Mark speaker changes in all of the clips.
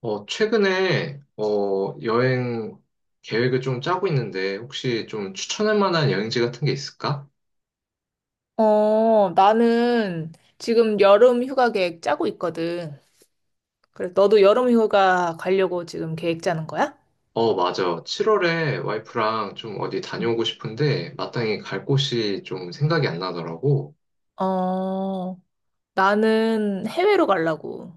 Speaker 1: 최근에, 여행 계획을 좀 짜고 있는데, 혹시 좀 추천할 만한 여행지 같은 게 있을까?
Speaker 2: 나는 지금 여름 휴가 계획 짜고 있거든. 그래, 너도 여름 휴가 가려고 지금 계획 짜는 거야?
Speaker 1: 맞아. 7월에 와이프랑 좀 어디 다녀오고 싶은데, 마땅히 갈 곳이 좀 생각이 안 나더라고.
Speaker 2: 어, 나는 해외로 가려고.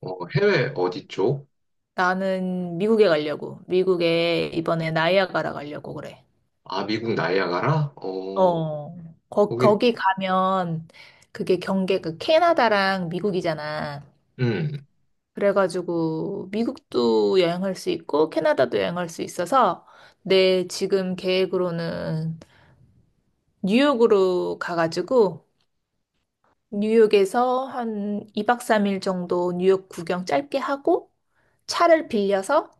Speaker 1: 어, 해외 어디 쪽?
Speaker 2: 나는 미국에 가려고. 미국에 이번에 나이아가라 가려고 그래.
Speaker 1: 아, 미국 나이아가라?
Speaker 2: 어, 거,
Speaker 1: 거기,
Speaker 2: 거기 가면 그게 경계가 캐나다랑 미국이잖아.
Speaker 1: 음,
Speaker 2: 그래가지고 미국도 여행할 수 있고 캐나다도 여행할 수 있어서 내 지금 계획으로는 뉴욕으로 가가지고 뉴욕에서 한 2박 3일 정도 뉴욕 구경 짧게 하고 차를 빌려서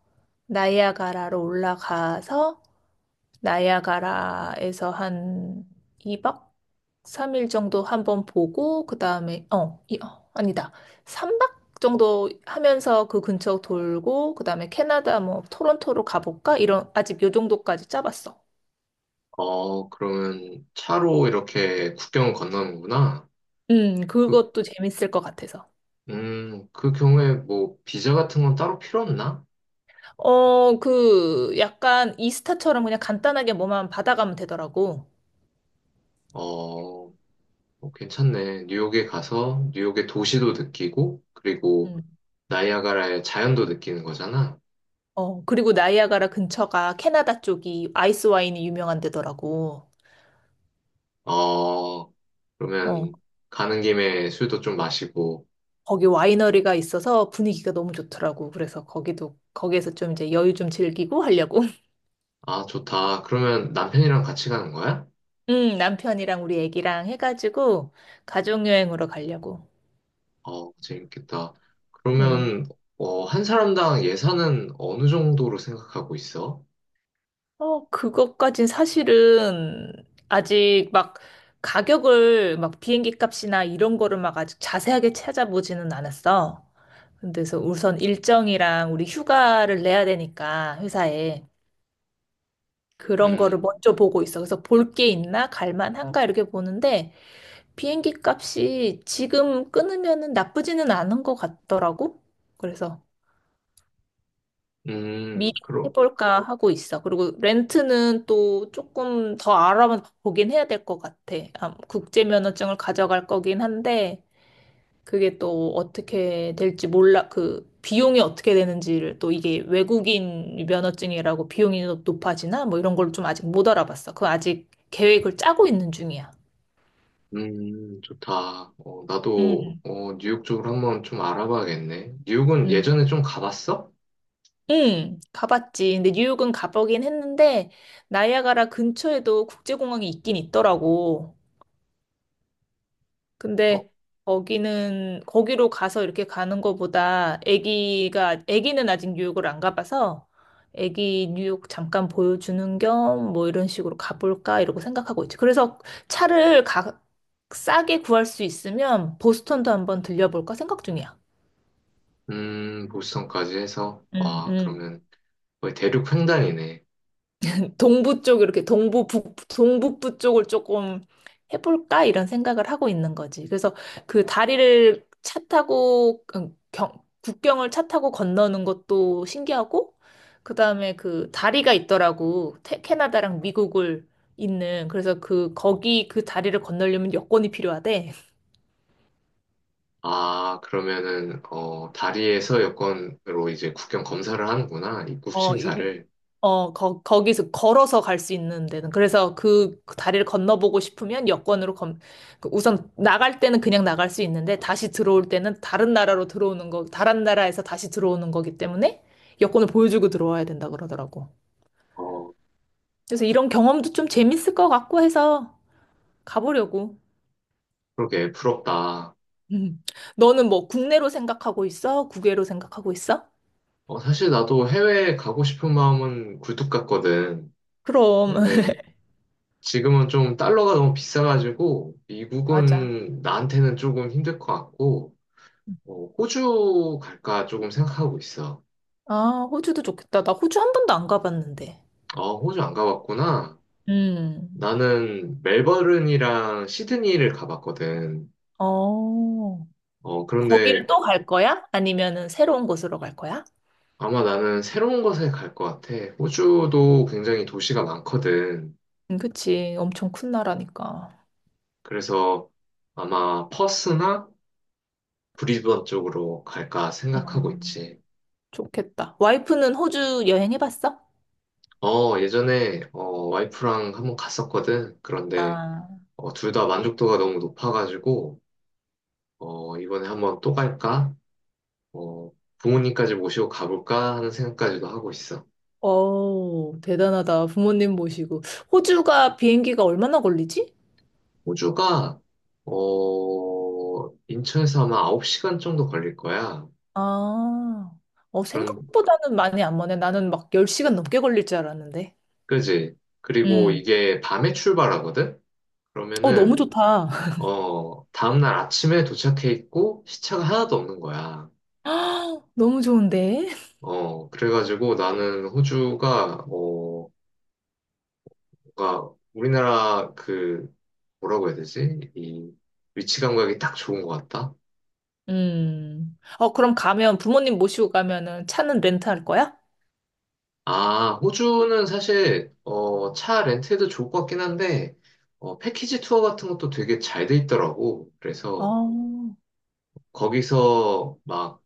Speaker 2: 나이아가라로 올라가서 나이아가라에서 한 2박 3일 정도 한번 보고 그다음에 어, 이, 어 아니다. 3박 정도 하면서 그 근처 돌고 그다음에 캐나다 뭐 토론토로 가볼까? 이런 아직 요 정도까지 짜봤어.
Speaker 1: 그러면 차로 이렇게 국경을 건너는구나. 그,
Speaker 2: 그것도 재밌을 것 같아서.
Speaker 1: 그 경우에 뭐, 비자 같은 건 따로 필요 없나?
Speaker 2: 어, 약간 이스타처럼 그냥 간단하게 뭐만 받아가면 되더라고.
Speaker 1: 어, 괜찮네. 뉴욕에 가서 뉴욕의 도시도 느끼고, 그리고
Speaker 2: 음.
Speaker 1: 나이아가라의 자연도 느끼는 거잖아.
Speaker 2: 어, 그리고 나이아가라 근처가 캐나다 쪽이 아이스 와인이 유명한 데더라고.
Speaker 1: 어,
Speaker 2: 어,
Speaker 1: 그러면 가는 김에 술도 좀 마시고,
Speaker 2: 거기 와이너리가 있어서 분위기가 너무 좋더라고. 그래서 거기에서 좀 이제 여유 좀 즐기고 하려고.
Speaker 1: 아, 좋다. 그러면 남편이랑 같이 가는 거야?
Speaker 2: 남편이랑 우리 애기랑 해가지고 가족여행으로 가려고.
Speaker 1: 어, 재밌겠다.
Speaker 2: 음.
Speaker 1: 그러면, 한 사람당 예산은 어느 정도로 생각하고 있어?
Speaker 2: 어, 그것까진 사실은 아직 막 가격을 막 비행기 값이나 이런 거를 막 아직 자세하게 찾아보지는 않았어. 근데서 우선 일정이랑 우리 휴가를 내야 되니까 회사에 그런 거를
Speaker 1: 음,
Speaker 2: 먼저 보고 있어. 그래서 볼 게 있나? 갈 만한가? 이렇게 보는데 비행기 값이 지금 끊으면은 나쁘지는 않은 것 같더라고. 그래서
Speaker 1: 음,
Speaker 2: 미리
Speaker 1: 그럼,
Speaker 2: 해볼까 하고 있어. 그리고 렌트는 또 조금 더 알아보긴 해야 될 것 같아. 아, 국제 면허증을 가져갈 거긴 한데 그게 또 어떻게 될지 몰라. 그 비용이 어떻게 되는지를 또 이게 외국인 면허증이라고 높아지나 뭐 이런 걸 좀 아직 못 알아봤어. 그 아직 계획을 짜고 있는 중이야.
Speaker 1: 좋다.
Speaker 2: 응,
Speaker 1: 나도, 뉴욕 쪽으로 한번 좀 알아봐야겠네. 뉴욕은
Speaker 2: 응,
Speaker 1: 예전에 좀 가봤어?
Speaker 2: 응, 가봤지. 근데 뉴욕은 가보긴 했는데 나이아가라 근처에도 국제공항이 있긴 있더라고.
Speaker 1: 어,
Speaker 2: 근데 거기는 거기로 가서 이렇게 가는 거보다 아기가 아기는 아직 뉴욕을 안 가봐서 아기 뉴욕 잠깐 보여주는 겸 뭐 이런 식으로 가볼까 이러고 생각하고 있지. 그래서 차를 가, 싸게 구할 수 있으면 보스턴도 한번 들려볼까 생각 중이야.
Speaker 1: 보스턴까지 해서,
Speaker 2: 음,
Speaker 1: 와,
Speaker 2: 음.
Speaker 1: 그러면 거의 대륙 횡단이네.
Speaker 2: 동부 쪽 이렇게 동부 북 동북부 쪽을 조금 해볼까 이런 생각을 하고 있는 거지. 그래서 그 다리를 차 타고 국경을 차 타고 건너는 것도 신기하고 그다음에 그 다리가 있더라고. 캐나다랑 미국을 있는. 그래서 그 거기 그 다리를 건너려면 여권이 필요하대.
Speaker 1: 아, 그러면은, 다리에서 여권으로 이제 국경 검사를 하는구나. 입국
Speaker 2: 어, 이,
Speaker 1: 심사를.
Speaker 2: 어, 거기서 걸어서 갈 수 있는 데는. 그래서 그 다리를 건너보고 싶으면 그 우선 나갈 때는 그냥 나갈 수 있는데 다시 들어올 때는 다른 나라에서 다시 들어오는 거기 때문에 여권을 보여주고 들어와야 된다 그러더라고.
Speaker 1: 어,
Speaker 2: 그래서 이런 경험도 좀 재밌을 것 같고 해서 가보려고.
Speaker 1: 그러게, 부럽다.
Speaker 2: 음. 너는 뭐 국내로 생각하고 있어? 국외로 생각하고 있어?
Speaker 1: 사실 나도 해외에 가고 싶은 마음은 굴뚝 같거든.
Speaker 2: 그럼.
Speaker 1: 근데 지금은 좀 달러가 너무 비싸가지고,
Speaker 2: 맞아.
Speaker 1: 미국은 나한테는 조금 힘들 것 같고,
Speaker 2: 음.
Speaker 1: 호주 갈까 조금 생각하고 있어.
Speaker 2: 아, 호주도 좋겠다. 나 호주 한 번도 안 가봤는데.
Speaker 1: 어, 호주 안 가봤구나.
Speaker 2: 음.
Speaker 1: 나는 멜버른이랑 시드니를 가봤거든.
Speaker 2: 어,
Speaker 1: 어, 그런데
Speaker 2: 거기를 또 갈 거야? 아니면은 새로운 곳으로 갈 거야?
Speaker 1: 아마 나는 새로운 곳에 갈 것 같아. 호주도 굉장히 도시가 많거든.
Speaker 2: 그치. 엄청 큰 나라니까.
Speaker 1: 그래서 아마 퍼스나 브리즈번 쪽으로 갈까
Speaker 2: 와,
Speaker 1: 생각하고 있지.
Speaker 2: 좋겠다. 와이프는 호주 여행 해봤어?
Speaker 1: 예전에 와이프랑 한번 갔었거든. 그런데
Speaker 2: 아,
Speaker 1: 둘다 만족도가 너무 높아가지고 이번에 한번 또 갈까? 어, 부모님까지 모시고 가볼까 하는 생각까지도 하고 있어.
Speaker 2: 어, 대단하다. 부모님 모시고. 호주가 비행기가 얼마나 걸리지?
Speaker 1: 호주가 인천에서 아마 9시간 정도 걸릴 거야.
Speaker 2: 아, 어,
Speaker 1: 그런
Speaker 2: 생각보다는 많이 안 머네. 나는 막 10시간 넘게 걸릴 줄 알았는데.
Speaker 1: 그지? 그리고
Speaker 2: 음,
Speaker 1: 이게 밤에 출발하거든?
Speaker 2: 어, 너무
Speaker 1: 그러면은
Speaker 2: 좋다.
Speaker 1: 다음날 아침에 도착해 있고 시차가 하나도 없는 거야.
Speaker 2: 너무 좋은데?
Speaker 1: 그래가지고 나는 호주가 뭔가 우리나라 뭐라고 해야 되지? 이 위치 감각이 딱 좋은 것 같다.
Speaker 2: 어, 그럼 가면, 부모님 모시고 가면은 차는 렌트할 거야?
Speaker 1: 아, 호주는 사실, 차 렌트도 좋을 것 같긴 한데, 패키지 투어 같은 것도 되게 잘 돼 있더라고. 그래서,
Speaker 2: 아,
Speaker 1: 거기서 막,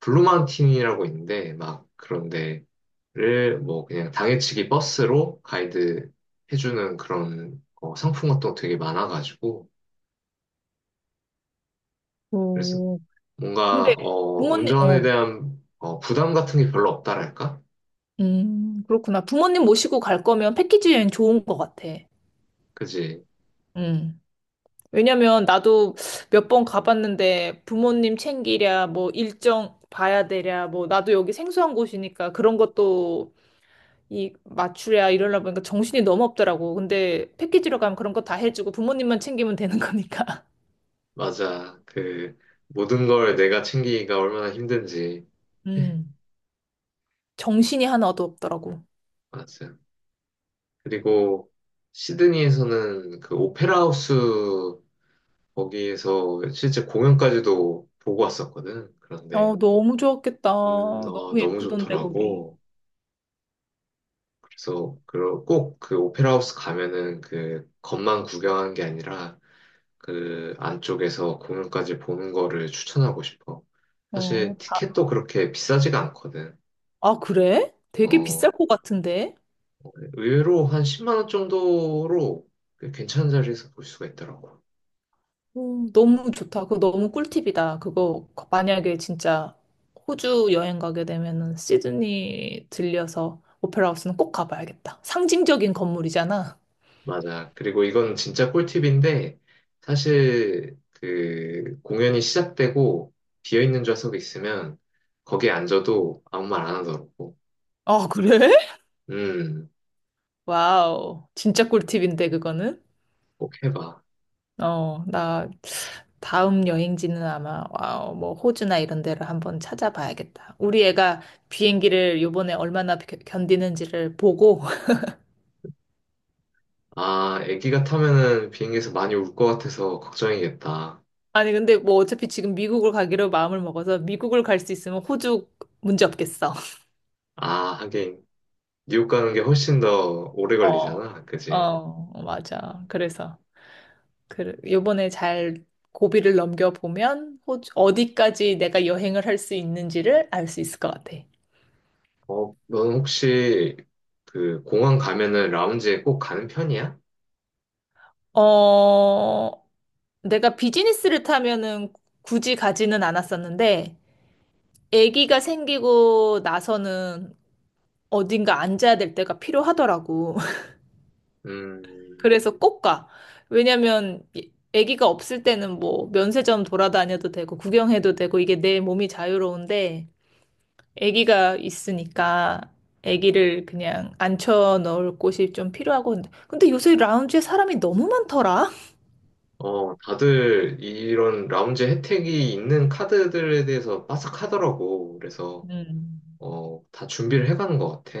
Speaker 1: 블루마운틴이라고 있는데, 막, 그런데, 를, 뭐, 그냥 당일치기 버스로 가이드 해주는 그런, 상품 같은 거 되게 많아가지고, 그래서
Speaker 2: 오.
Speaker 1: 뭔가,
Speaker 2: 근데 부모님,
Speaker 1: 운전에
Speaker 2: 어,
Speaker 1: 대한, 부담 같은 게 별로 없다랄까?
Speaker 2: 그렇구나. 부모님 모시고 갈 거면 패키지 여행 좋은 것 같아.
Speaker 1: 그지?
Speaker 2: 음. 왜냐면 나도 몇 번 가봤는데 부모님 챙기랴, 뭐 일정 봐야 되랴, 뭐 나도 여기 생소한 곳이니까 그런 것도 이 맞추랴 이러려 보니까 정신이 너무 없더라고. 근데 패키지로 가면 그런 거 다 해주고 부모님만 챙기면 되는 거니까.
Speaker 1: 맞아. 그, 모든 걸 내가 챙기기가 얼마나 힘든지. 네,
Speaker 2: 음. 정신이 하나도 없더라고.
Speaker 1: 맞아요. 그리고 시드니에서는 그 오페라 하우스 거기에서 실제 공연까지도 보고 왔었거든. 그런데
Speaker 2: 어, 너무 좋았겠다. 너무
Speaker 1: 너무
Speaker 2: 예쁘던데, 거기.
Speaker 1: 좋더라고. 그래서 꼭 그 오페라 하우스 가면은 그 겉만 구경한 게 아니라 그 안쪽에서 공연까지 보는 거를 추천하고 싶어.
Speaker 2: 어.
Speaker 1: 사실 티켓도 그렇게 비싸지가 않거든.
Speaker 2: 아, 그래? 되게
Speaker 1: 어,
Speaker 2: 비쌀 것 같은데?
Speaker 1: 의외로 한 10만 원 정도로 꽤 괜찮은 자리에서 볼 수가 있더라고.
Speaker 2: 너무 좋다. 그거 너무 꿀팁이다. 그거 만약에 진짜 호주 여행 가게 되면은 시드니 들려서 오페라 하우스는 꼭 가봐야겠다. 상징적인 건물이잖아.
Speaker 1: 맞아. 그리고 이건 진짜 꿀팁인데, 사실 그 공연이 시작되고 비어있는 좌석이 있으면 거기에 앉아도 아무 말 안 하더라고.
Speaker 2: 아, 그래?
Speaker 1: 음,
Speaker 2: 와우. 진짜 꿀팁인데, 그거는?
Speaker 1: 꼭 해봐.
Speaker 2: 어, 나 다음 여행지는 아마 와우, 뭐 호주나 이런 데를 한번 찾아봐야겠다. 우리 애가 비행기를 요번에 견디는지를 보고
Speaker 1: 아, 애기가 타면은 비행기에서 많이 울 것 같아서 걱정이겠다.
Speaker 2: 아니, 근데 뭐 어차피 지금 미국을 가기로 마음을 먹어서 미국을 갈 수 있으면 호주 문제 없겠어.
Speaker 1: 아, 하긴 뉴욕 가는 게 훨씬 더 오래
Speaker 2: 어,
Speaker 1: 걸리잖아. 그지?
Speaker 2: 어, 맞아. 그래서, 그, 요번에 잘 고비를 넘겨보면 호주, 어디까지 내가 여행을 할 수 있는지를 알 수 있을 것 같아.
Speaker 1: 어, 넌 혹시 그 공항 가면은 라운지에 꼭 가는 편이야?
Speaker 2: 어, 내가 비즈니스를 타면은 굳이 가지는 않았었는데, 아기가 생기고 나서는 어딘가 앉아야 될 때가 필요하더라고.
Speaker 1: 음,
Speaker 2: 그래서 꼭 가. 왜냐면 아기가 없을 때는 뭐 면세점 돌아다녀도 되고 구경해도 되고 이게 내 몸이 자유로운데 아기가 있으니까 아기를 그냥 앉혀 넣을 곳이 좀 필요하고 근데 요새 라운지에 사람이 너무 많더라.
Speaker 1: 어, 다들 이런 라운지 혜택이 있는 카드들에 대해서 빠삭하더라고. 그래서,
Speaker 2: 음.
Speaker 1: 다 준비를 해가는 것 같아.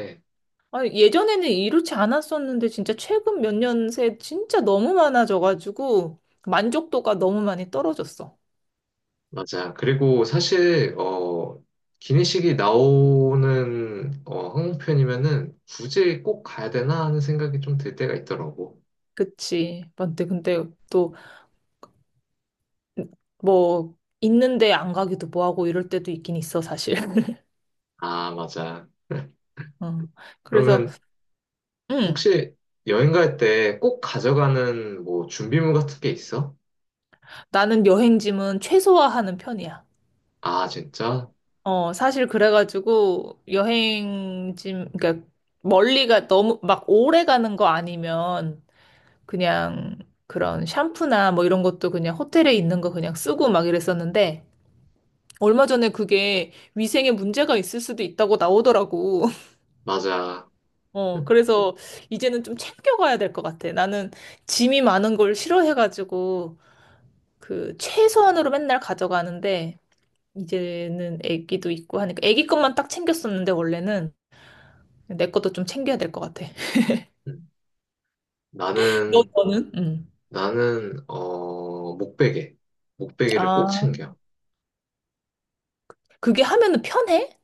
Speaker 2: 아니, 예전에는 이렇지 않았었는데 진짜 최근 몇 년 새 진짜 너무 많아져가지고 만족도가 너무 많이 떨어졌어.
Speaker 1: 맞아. 그리고 사실, 기내식이 나오는, 항공편이면은 굳이 꼭 가야 되나 하는 생각이 좀 들 때가 있더라고.
Speaker 2: 그치. 근데 또 뭐 있는데 안 가기도 뭐하고 이럴 때도 있긴 있어 사실.
Speaker 1: 아, 맞아.
Speaker 2: 어. 그래서
Speaker 1: 그러면
Speaker 2: 음
Speaker 1: 혹시 여행 갈 때 꼭 가져가는 뭐 준비물 같은 게 있어?
Speaker 2: 나는 여행짐은 최소화하는 편이야.
Speaker 1: 아, 진짜?
Speaker 2: 어 사실 그래가지고 여행짐 그러니까 멀리가 너무 막 오래 가는 거 아니면 그냥 그런 샴푸나 뭐 이런 것도 그냥 호텔에 있는 거 그냥 쓰고 막 이랬었는데 얼마 전에 그게 위생에 문제가 있을 수도 있다고 나오더라고.
Speaker 1: 맞아.
Speaker 2: 어, 그래서 이제는 좀 챙겨가야 될 것 같아. 나는 짐이 많은 걸 싫어해가지고 그 최소한으로 맨날 가져가는데 이제는 애기도 있고 하니까 애기 것만 딱 챙겼었는데 원래는 내 것도 좀 챙겨야 될 것 같아.
Speaker 1: 음. 나는
Speaker 2: 너는? 응.
Speaker 1: 나는 목베개, 목베개를
Speaker 2: 아,
Speaker 1: 꼭 챙겨.
Speaker 2: 그게 하면은 편해?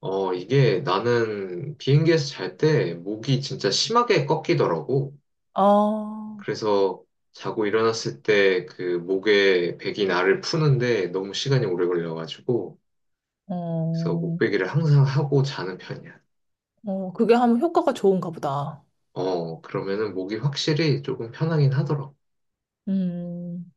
Speaker 1: 이게 나는 비행기에서 잘 때 목이 진짜 심하게 꺾이더라고.
Speaker 2: 아,
Speaker 1: 그래서 자고 일어났을 때 그 목에 백이 나를 푸는데 너무 시간이 오래 걸려가지고 그래서
Speaker 2: 어,
Speaker 1: 목베개를 항상 하고 자는 편이야.
Speaker 2: 어, 그게 하면 효과가 좋은가 보다.
Speaker 1: 그러면은 목이 확실히 조금 편하긴 하더라고.
Speaker 2: 음.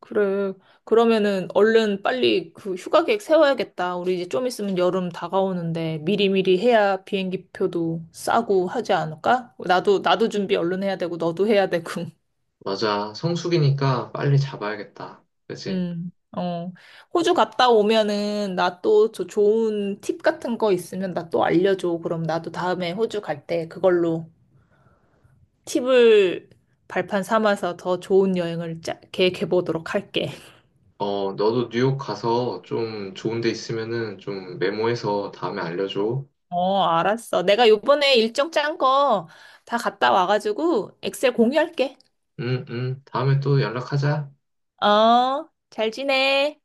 Speaker 2: 그래. 그러면은 얼른 빨리 그 휴가 계획 세워야겠다. 우리 이제 좀 있으면 여름 다가오는데 미리미리 해야 비행기 표도 싸고 하지 않을까? 나도 준비 얼른 해야 되고, 너도 해야 되고.
Speaker 1: 맞아, 성수기니까 빨리 잡아야겠다. 그치?
Speaker 2: 음, 어. 호주 갔다 오면은 나 또 저 좋은 팁 같은 거 있으면 나 또 알려줘. 그럼 나도 다음에 호주 갈 때 그걸로 팁을 발판 삼아서 더 좋은 여행을 계획해 보도록 할게.
Speaker 1: 어, 너도 뉴욕 가서 좀 좋은 데 있으면은 좀 메모해서 다음에 알려줘.
Speaker 2: 어, 알았어. 내가 요번에 일정 짠 거 다 갔다 와가지고 엑셀 공유할게.
Speaker 1: 응, 응. 다음에 또 연락하자.
Speaker 2: 어, 잘 지내.